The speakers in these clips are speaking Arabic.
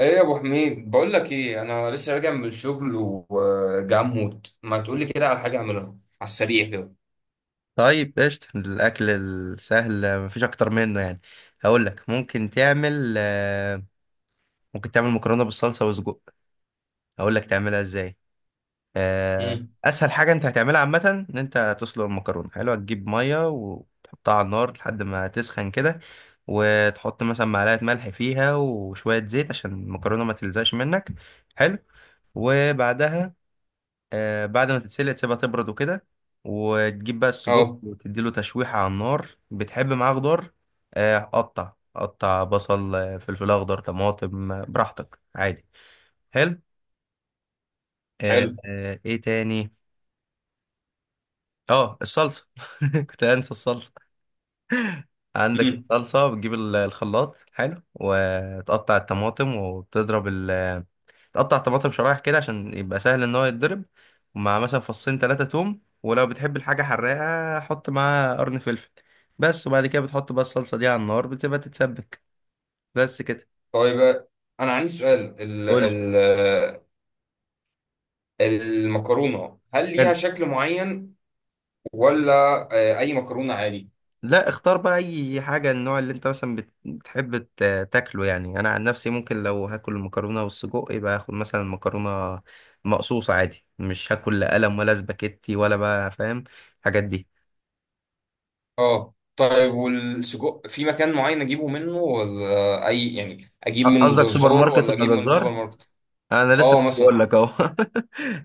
ايه يا ابو حميد؟ بقول لك ايه، انا لسه راجع من الشغل وجاي اموت، ما تقول لي كده على حاجه اعملها على السريع كده. طيب، قشطة. الأكل السهل مفيش أكتر منه يعني. هقول لك ممكن تعمل مكرونة بالصلصة وسجق. هقول لك تعملها إزاي آه، امم. أسهل حاجة أنت هتعملها عامة إن أنت تسلق المكرونة. حلو. هتجيب مية وتحطها على النار لحد ما تسخن كده، وتحط مثلا معلقة ملح فيها وشوية زيت عشان المكرونة ما تلزقش منك. حلو. وبعدها بعد ما تتسلق تسيبها تبرد وكده، وتجيب بقى السجق اه. وتديله تشويحة على النار. بتحب معاه خضار؟ قطع قطع بصل، فلفل أخضر، طماطم، براحتك عادي. حلو. حلو. إيه تاني؟ اه، الصلصة. كنت هنسى الصلصة. عندك امم. الصلصة بتجيب الخلاط، حلو، وتقطع الطماطم وتضرب. تقطع طماطم شرايح كده عشان يبقى سهل ان هو يتضرب، ومع مثلا فصين ثلاثة توم، ولو بتحب الحاجة حراقة حط معاها قرن فلفل، بس. وبعد كده بتحط بقى الصلصة دي على النار بتسيبها تتسبك، بس كده. طيب، انا عندي سؤال. ال قول لي. ال المكرونه هل ليها حلو. شكل معين ولا اي مكرونه عادي. لا، اختار بقى اي حاجة، النوع اللي انت مثلا بتحب تاكله. يعني انا عن نفسي ممكن لو هاكل المكرونة والسجق يبقى هاخد مثلا مكرونة مقصوصة عادي، مش هاكل لا قلم ولا سباكيتي ولا بقى، فاهم الحاجات دي. اه، طيب، والسجق في مكان معين اجيبه منه ولا اي؟ يعني اجيب من قصدك سوبر جزار ماركت ولا اجيب ولا من سوبر جزار؟ ماركت؟ انا لسه اه، كنت مثلا. بقول لك اهو.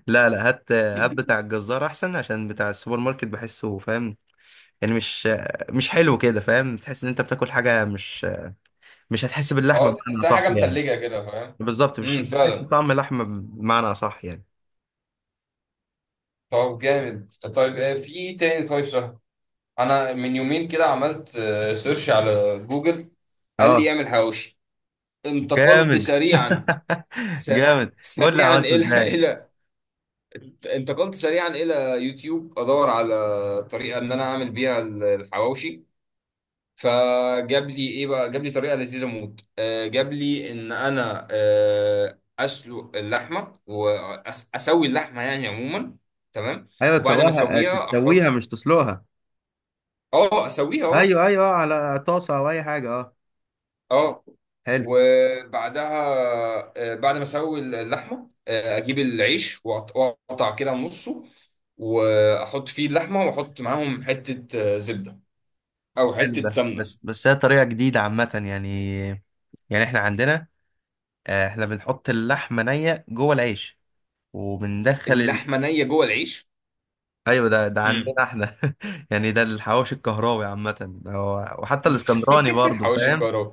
لا لا، هات هات بتاع الجزار احسن، عشان بتاع السوبر ماركت بحسه، فاهم يعني، مش حلو كده، فاهم. تحس ان انت بتاكل حاجه مش هتحس باللحمه اه، بمعنى تحسها صح حاجه يعني. متلجه كده، فاهم؟ بالظبط، مش امم، مش هتحس فعلا. بطعم اللحمه بمعنى صح يعني. طب، جامد. طيب، في ايه تاني؟ طيب، سهل. انا من يومين كده عملت سيرش على جوجل. قال لي اه، اعمل حواوشي. انتقلت جامد. سريعا. س... جامد، قول لي سريعا عملته الى ازاي. الى انتقلت سريعا الى يوتيوب، ادور على طريقه ان انا اعمل بيها الحواوشي. فجاب لي ايه بقى؟ جاب لي طريقه لذيذه موت. جاب لي ان انا اسلق اللحمه واسوي اللحمه يعني عموما. تمام، ايوه، وبعد ما تسويها اسويها تسويها احط. مش تسلقها. اه، اسويه، اه. ايوه ايوه، على طاسه او اي حاجه، اه. اه، حلو. وبعدها بعد ما اسوي اللحمه اجيب العيش، واقطع كده نصه، واحط فيه اللحمه، واحط معاهم حته زبده او حلو حته ده، سمنه. بس بس هي طريقه جديده عامه يعني. يعني احنا عندنا، احنا بنحط اللحمه نيه جوه العيش، وبندخل اللحمه نيه جوه العيش؟ ايوه، ده عندنا امم. احنا. يعني ده الحواوشي الكهراوي عامه، ده هو- وحتى الاسكندراني برضو، حواوشي فاهم. الكهرباء.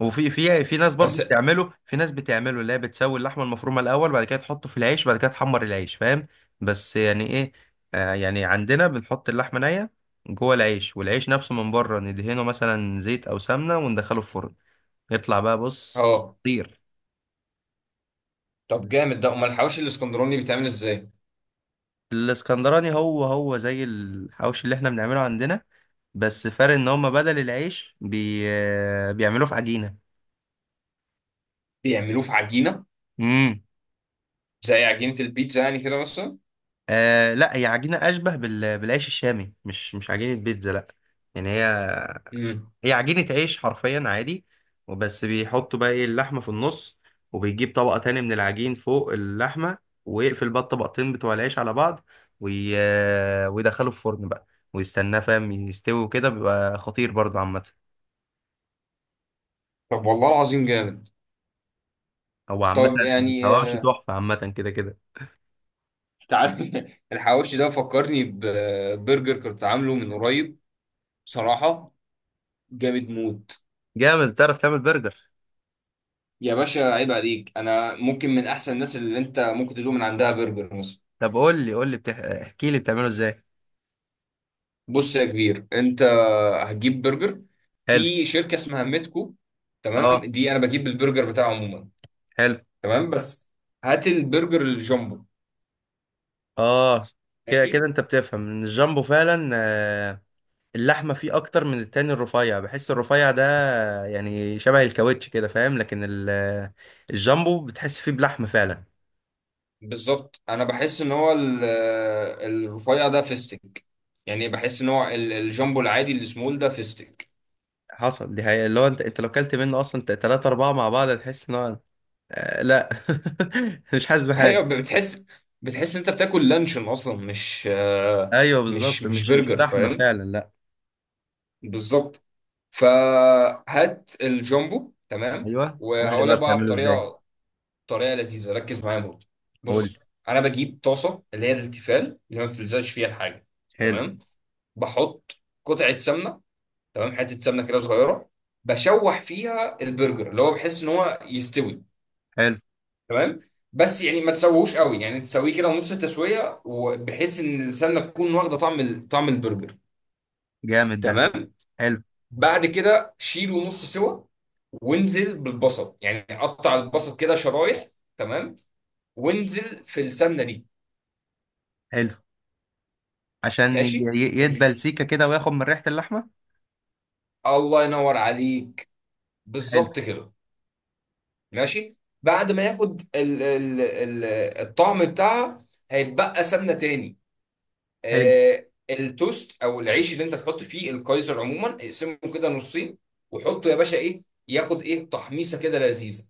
وفي في في ناس برضو بس. بتعمله، في ناس بتعمله اللي هي بتسوي اللحمه المفرومه الاول، بعد كده تحطه في العيش، بعد كده تحمر العيش، فاهم. بس يعني ايه، يعني عندنا بنحط اللحمه نيه جوه العيش، والعيش نفسه من بره ندهنه مثلا زيت او سمنه وندخله الفرن، يطلع بقى، بص، اه. طير. طب، جامد ده. امال الحواوشي الاسكندراني بيتعمل ازاي؟ الاسكندراني هو هو زي الحواوشي اللي احنا بنعمله عندنا، بس فرق ان هم بدل العيش بيعملوه في عجينه. بيعملوه في عجينه؟ امم زي عجينه البيتزا يعني كده مثلا؟ آه لا، هي عجينه اشبه بالعيش الشامي، مش عجينه بيتزا لا. يعني هي، امم. هي عجينه عيش حرفيا عادي. وبس بيحطوا بقى ايه اللحمه في النص، وبيجيب طبقه تاني من العجين فوق اللحمه، ويقفل بقى الطبقتين بتوع العيش على بعض، وي... ويدخله الفرن بقى ويستناه، فاهم، يستوي وكده، بيبقى خطير برضه عامه. طب، والله العظيم جامد. هو عامة طب، يعني الحواوشي تحفة، عامة كده كده. تعال. الحواوشي ده فكرني ببرجر كنت عامله من قريب، بصراحة. جامد موت. جامد، بتعرف تعمل برجر؟ يا باشا، عيب عليك! انا ممكن من احسن الناس اللي انت ممكن تدوق من عندها برجر مثلا. طب قول لي قول لي احكي لي بتعمله ازاي. بص يا كبير، انت هتجيب برجر. حلو. في شركة اسمها ميتكو. تمام، اه، دي انا بجيب البرجر بتاعه عموما. حلو. تمام، بس هات البرجر الجامبو. اه، كده كده ماشي. انت بتفهم ان الجامبو فعلا، اللحمة فيه اكتر من التاني. الرفيع بحس الرفيع ده يعني شبه الكاوتش كده، فاهم. لكن الجامبو بتحس فيه بلحمة فعلا. بالظبط، انا بحس ان هو الرفيع ده فيستك. يعني بحس ان هو الجامبو العادي السمول ده فيستك. حصل، دي حقيقة. اللي هو انت، انت لو كلت منه اصلا تلاتة اربعة مع بعض هتحس ان هو، لا، مش حاسس ايوه، بحاجة. بتحس انت بتاكل لانشون اصلا، مش ايوه مش بالظبط، مش مش برجر، لحمة فاهم؟ فعلا. بالظبط. فهات الجامبو، تمام، ايوه قول لي وهقول بقى لك بقى على بتعمله ازاي. الطريقه. طريقه لذيذه، ركز معايا موت. قول لي. بص، انا بجيب طاسه اللي هي التيفال، اللي ما بتلزقش فيها الحاجه. حلو. تمام. بحط قطعه سمنه. تمام، حته سمنه كده صغيره. بشوح فيها البرجر اللي هو بحس ان هو يستوي. حلو، تمام. بس يعني ما تسويهوش قوي، يعني تسويه كده نص التسويه، وبحيث ان السمنه تكون واخده طعم طعم البرجر. جامد ده. تمام. حلو. بعد كده شيله نص سوا، وانزل بالبصل، يعني قطع البصل كده شرايح. تمام، وانزل في السمنه دي. حلو. عشان ماشي. يدبل الس- سيكه كده وياخد من ريحه اللحمه. الله ينور عليك. حلو. بالظبط كده. ماشي، بعد ما ياخد ال ال ال الطعم بتاعها، هيتبقى سمنه تاني. حلو. التوست او العيش اللي انت تحط فيه القيصر عموما اقسمه كده نصين، وحطه يا باشا، ايه، ياخد ايه تحميصه كده لذيذه.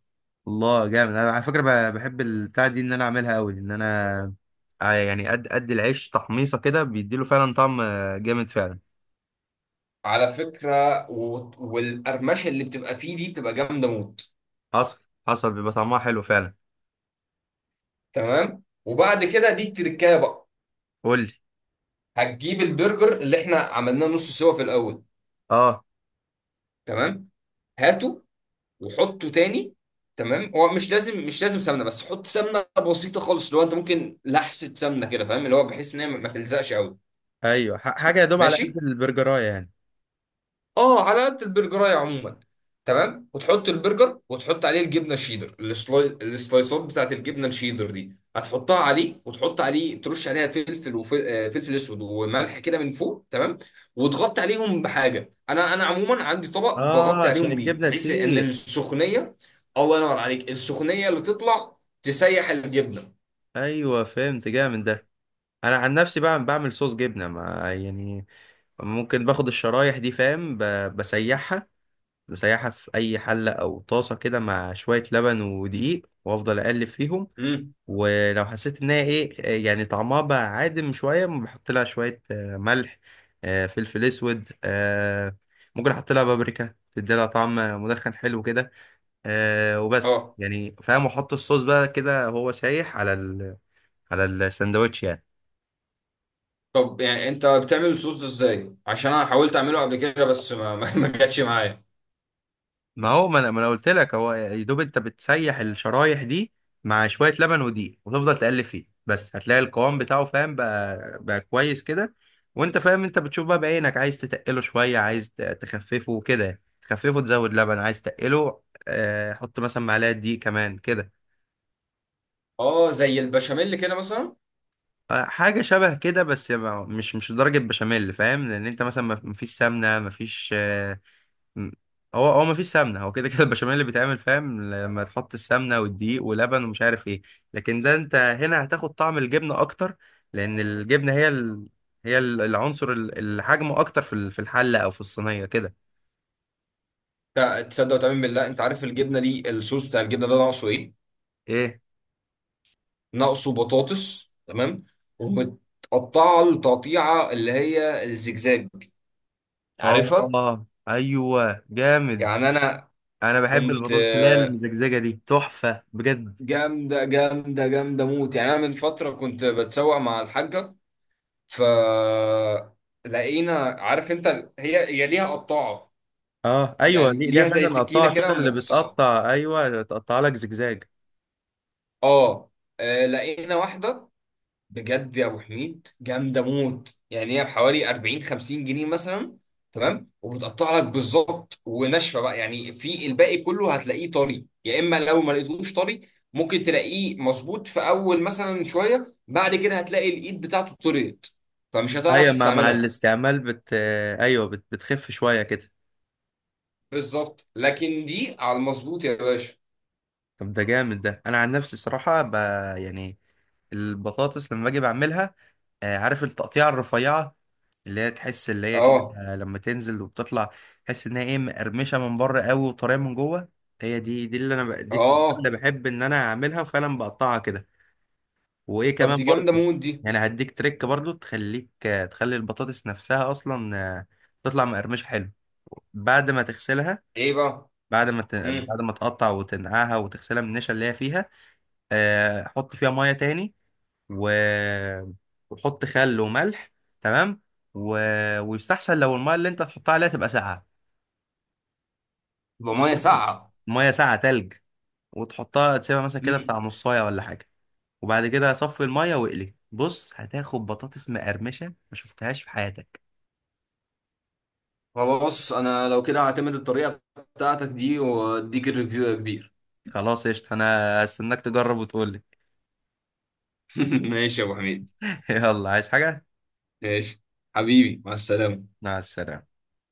الله، جامد. انا على فكره بحب البتاع دي ان انا اعملها قوي، ان انا، يعني قد قد العيش تحميصه كده بيديله فعلا طعم، جامد فعلا. على فكره، و- والقرمشه اللي بتبقى فيه دي بتبقى جامده موت. حصل حصل، بيبقى طعمها حلو فعلا. تمام، وبعد كده دي التركايه بقى. قول لي. هتجيب البرجر اللي احنا عملناه نص سوا في الاول. اه. تمام، هاته وحطه تاني. تمام، هو مش لازم مش لازم سمنه، بس حط سمنه بسيطه خالص اللي هو انت ممكن لحسه سمنه كده، فاهم؟ اللي هو بحيث ان هي ما تلزقش قوي. ايوه، حاجه يا دوب على قد ماشي. البرجرايه يعني. اه، على قد البرجرايه عموما. تمام، وتحط البرجر وتحط عليه الجبنه الشيدر. السلايسات بتاعت الجبنه الشيدر دي هتحطها عليه، وتحط عليه ترش عليها فلفل وفلفل اسود وملح كده من فوق. تمام. وتغطي عليهم بحاجه، انا عموما عندي طبق اه، بغطي عشان عليهم بيه، الجبنه بحيث ان تسيح. السخونيه. الله ينور عليك. السخونيه اللي تطلع تسيح الجبنه. ايوه، فهمت، جامد ده. انا عن نفسي بقى بعمل صوص جبنه، ما يعني، ممكن باخد الشرايح دي، فاهم، بسيحها. بسيحها في اي حله او طاسه كده مع شويه لبن ودقيق وافضل اقلب فيهم. امم. ولو حسيت ان هي ايه يعني طعمها بقى عادم شويه، بحط لها شويه، ملح، فلفل اسود، ممكن احط لها بابريكا تدي لها طعم مدخن، حلو كده، وبس اه. يعني، فاهم، واحط الصوص بقى كده هو سايح على على الساندوتش يعني. طب، يعني انت بتعمل الصوص ده ازاي؟ عشان انا حاولت اعمله قبل كده بس ما ما جاتش معايا. ما هو ما انا ما أنا قلت لك هو يا دوب انت بتسيح الشرايح دي مع شويه لبن ودقيق وتفضل تقلب فيه بس، هتلاقي القوام بتاعه، فاهم، بقى كويس كده. وانت فاهم، انت بتشوف بقى بعينك، عايز تتقله شويه، عايز تخففه كده تخففه تزود لبن، عايز تقله، حط مثلا معلقه دقيق كمان كده. اه، زي البشاميل كده مثلا. حاجه شبه كده، بس مش درجه بشاميل، فاهم، لان انت مثلا ما فيش سمنه، ما فيش، مم. هو هو مفيش سمنه، هو كده كده البشاميل اللي بيتعمل، فاهم، لما تحط السمنه والدقيق ولبن ومش عارف ايه. لكن ده انت هنا هتاخد طعم الجبنه اكتر، لان الجبنه هي هي العنصر، الحجم اكتر في في الحله او في الصينيه كده. تصدق وتؤمن بالله؟ انت عارف الجبنه دي، الصوص بتاع الجبنه ده ناقصه ايه؟ ايه؟ ناقصه بطاطس. تمام، ومتقطعه التقطيعه اللي هي الزجزاج، عارفها؟ اه ايوه، جامد. يعني انا انا بحب كنت البطاطس اللي هي المزجزجه دي، تحفه بجد. جامده جامده جامده موت. يعني انا من فتره كنت بتسوق مع الحاجه، ف لقينا، عارف انت، هي ليها قطاعه. اه ايوه، يعني دي ليها ليها زي فعلا سكينه قطاعه كده كده اللي مخصصه. بتقطع. ايوه، تقطع لك زجزاج. اه. لقينا واحده، بجد يا ابو حميد جامده موت. يعني هي بحوالي 40 50 جنيه مثلا. تمام، وبتقطع لك بالظبط، وناشفه بقى، يعني في الباقي كله هتلاقيه طري، يا اما لو ما لقيتوش طري ممكن تلاقيه مظبوط في اول مثلا شويه، بعد كده هتلاقي الايد بتاعته طريت فمش هتعرف ايوه، مع مع تستعملها. الاستعمال بت آه، ايوه بتخف شويه كده. بالظبط. لكن دي على المظبوط يا باشا. طب ده جامد ده، انا عن نفسي صراحه يعني البطاطس لما باجي بعملها، عارف التقطيعه الرفيعه اللي هي تحس اللي هي كده، اه. لما تنزل وبتطلع تحس انها ايه، مقرمشه من بره قوي وطريه من جوه. هي دي، اللي انا دي التقطيعة اللي اه، بحب ان انا اعملها، وفعلا بقطعها كده. وايه طب كمان دي جامده برضو، موت دي. يعني هديك تريك برضو، تخليك، تخلي البطاطس نفسها اصلا، تطلع مقرمشه حلو. بعد ما تغسلها، ايه بقى؟ بعد ما امم. بعد ما تقطع وتنقعها وتغسلها من النشا اللي هي فيها، حط فيها ميه تاني، و... وحط خل وملح، تمام. و... ويستحسن لو الميه اللي انت تحطها عليها تبقى ساقعه. بميه وتسيبها، ساقعه؟ الميه ساقعه تلج، وتحطها تسيبها مثلا كده بتاع إمم. نصايه ولا حاجه. وبعد كده صفي الميه واقلي. بص، هتاخد بطاطس مقرمشه ما شفتهاش في حياتك. هو، بص، انا لو كده هعتمد الطريقه بتاعتك دي واديك الريفيو يا كبير. خلاص، قشطة. انا استناك تجرب وتقول لي. ماشي يا ابو حميد. يلا، عايز حاجه؟ ماشي حبيبي، مع السلامة. مع السلامه.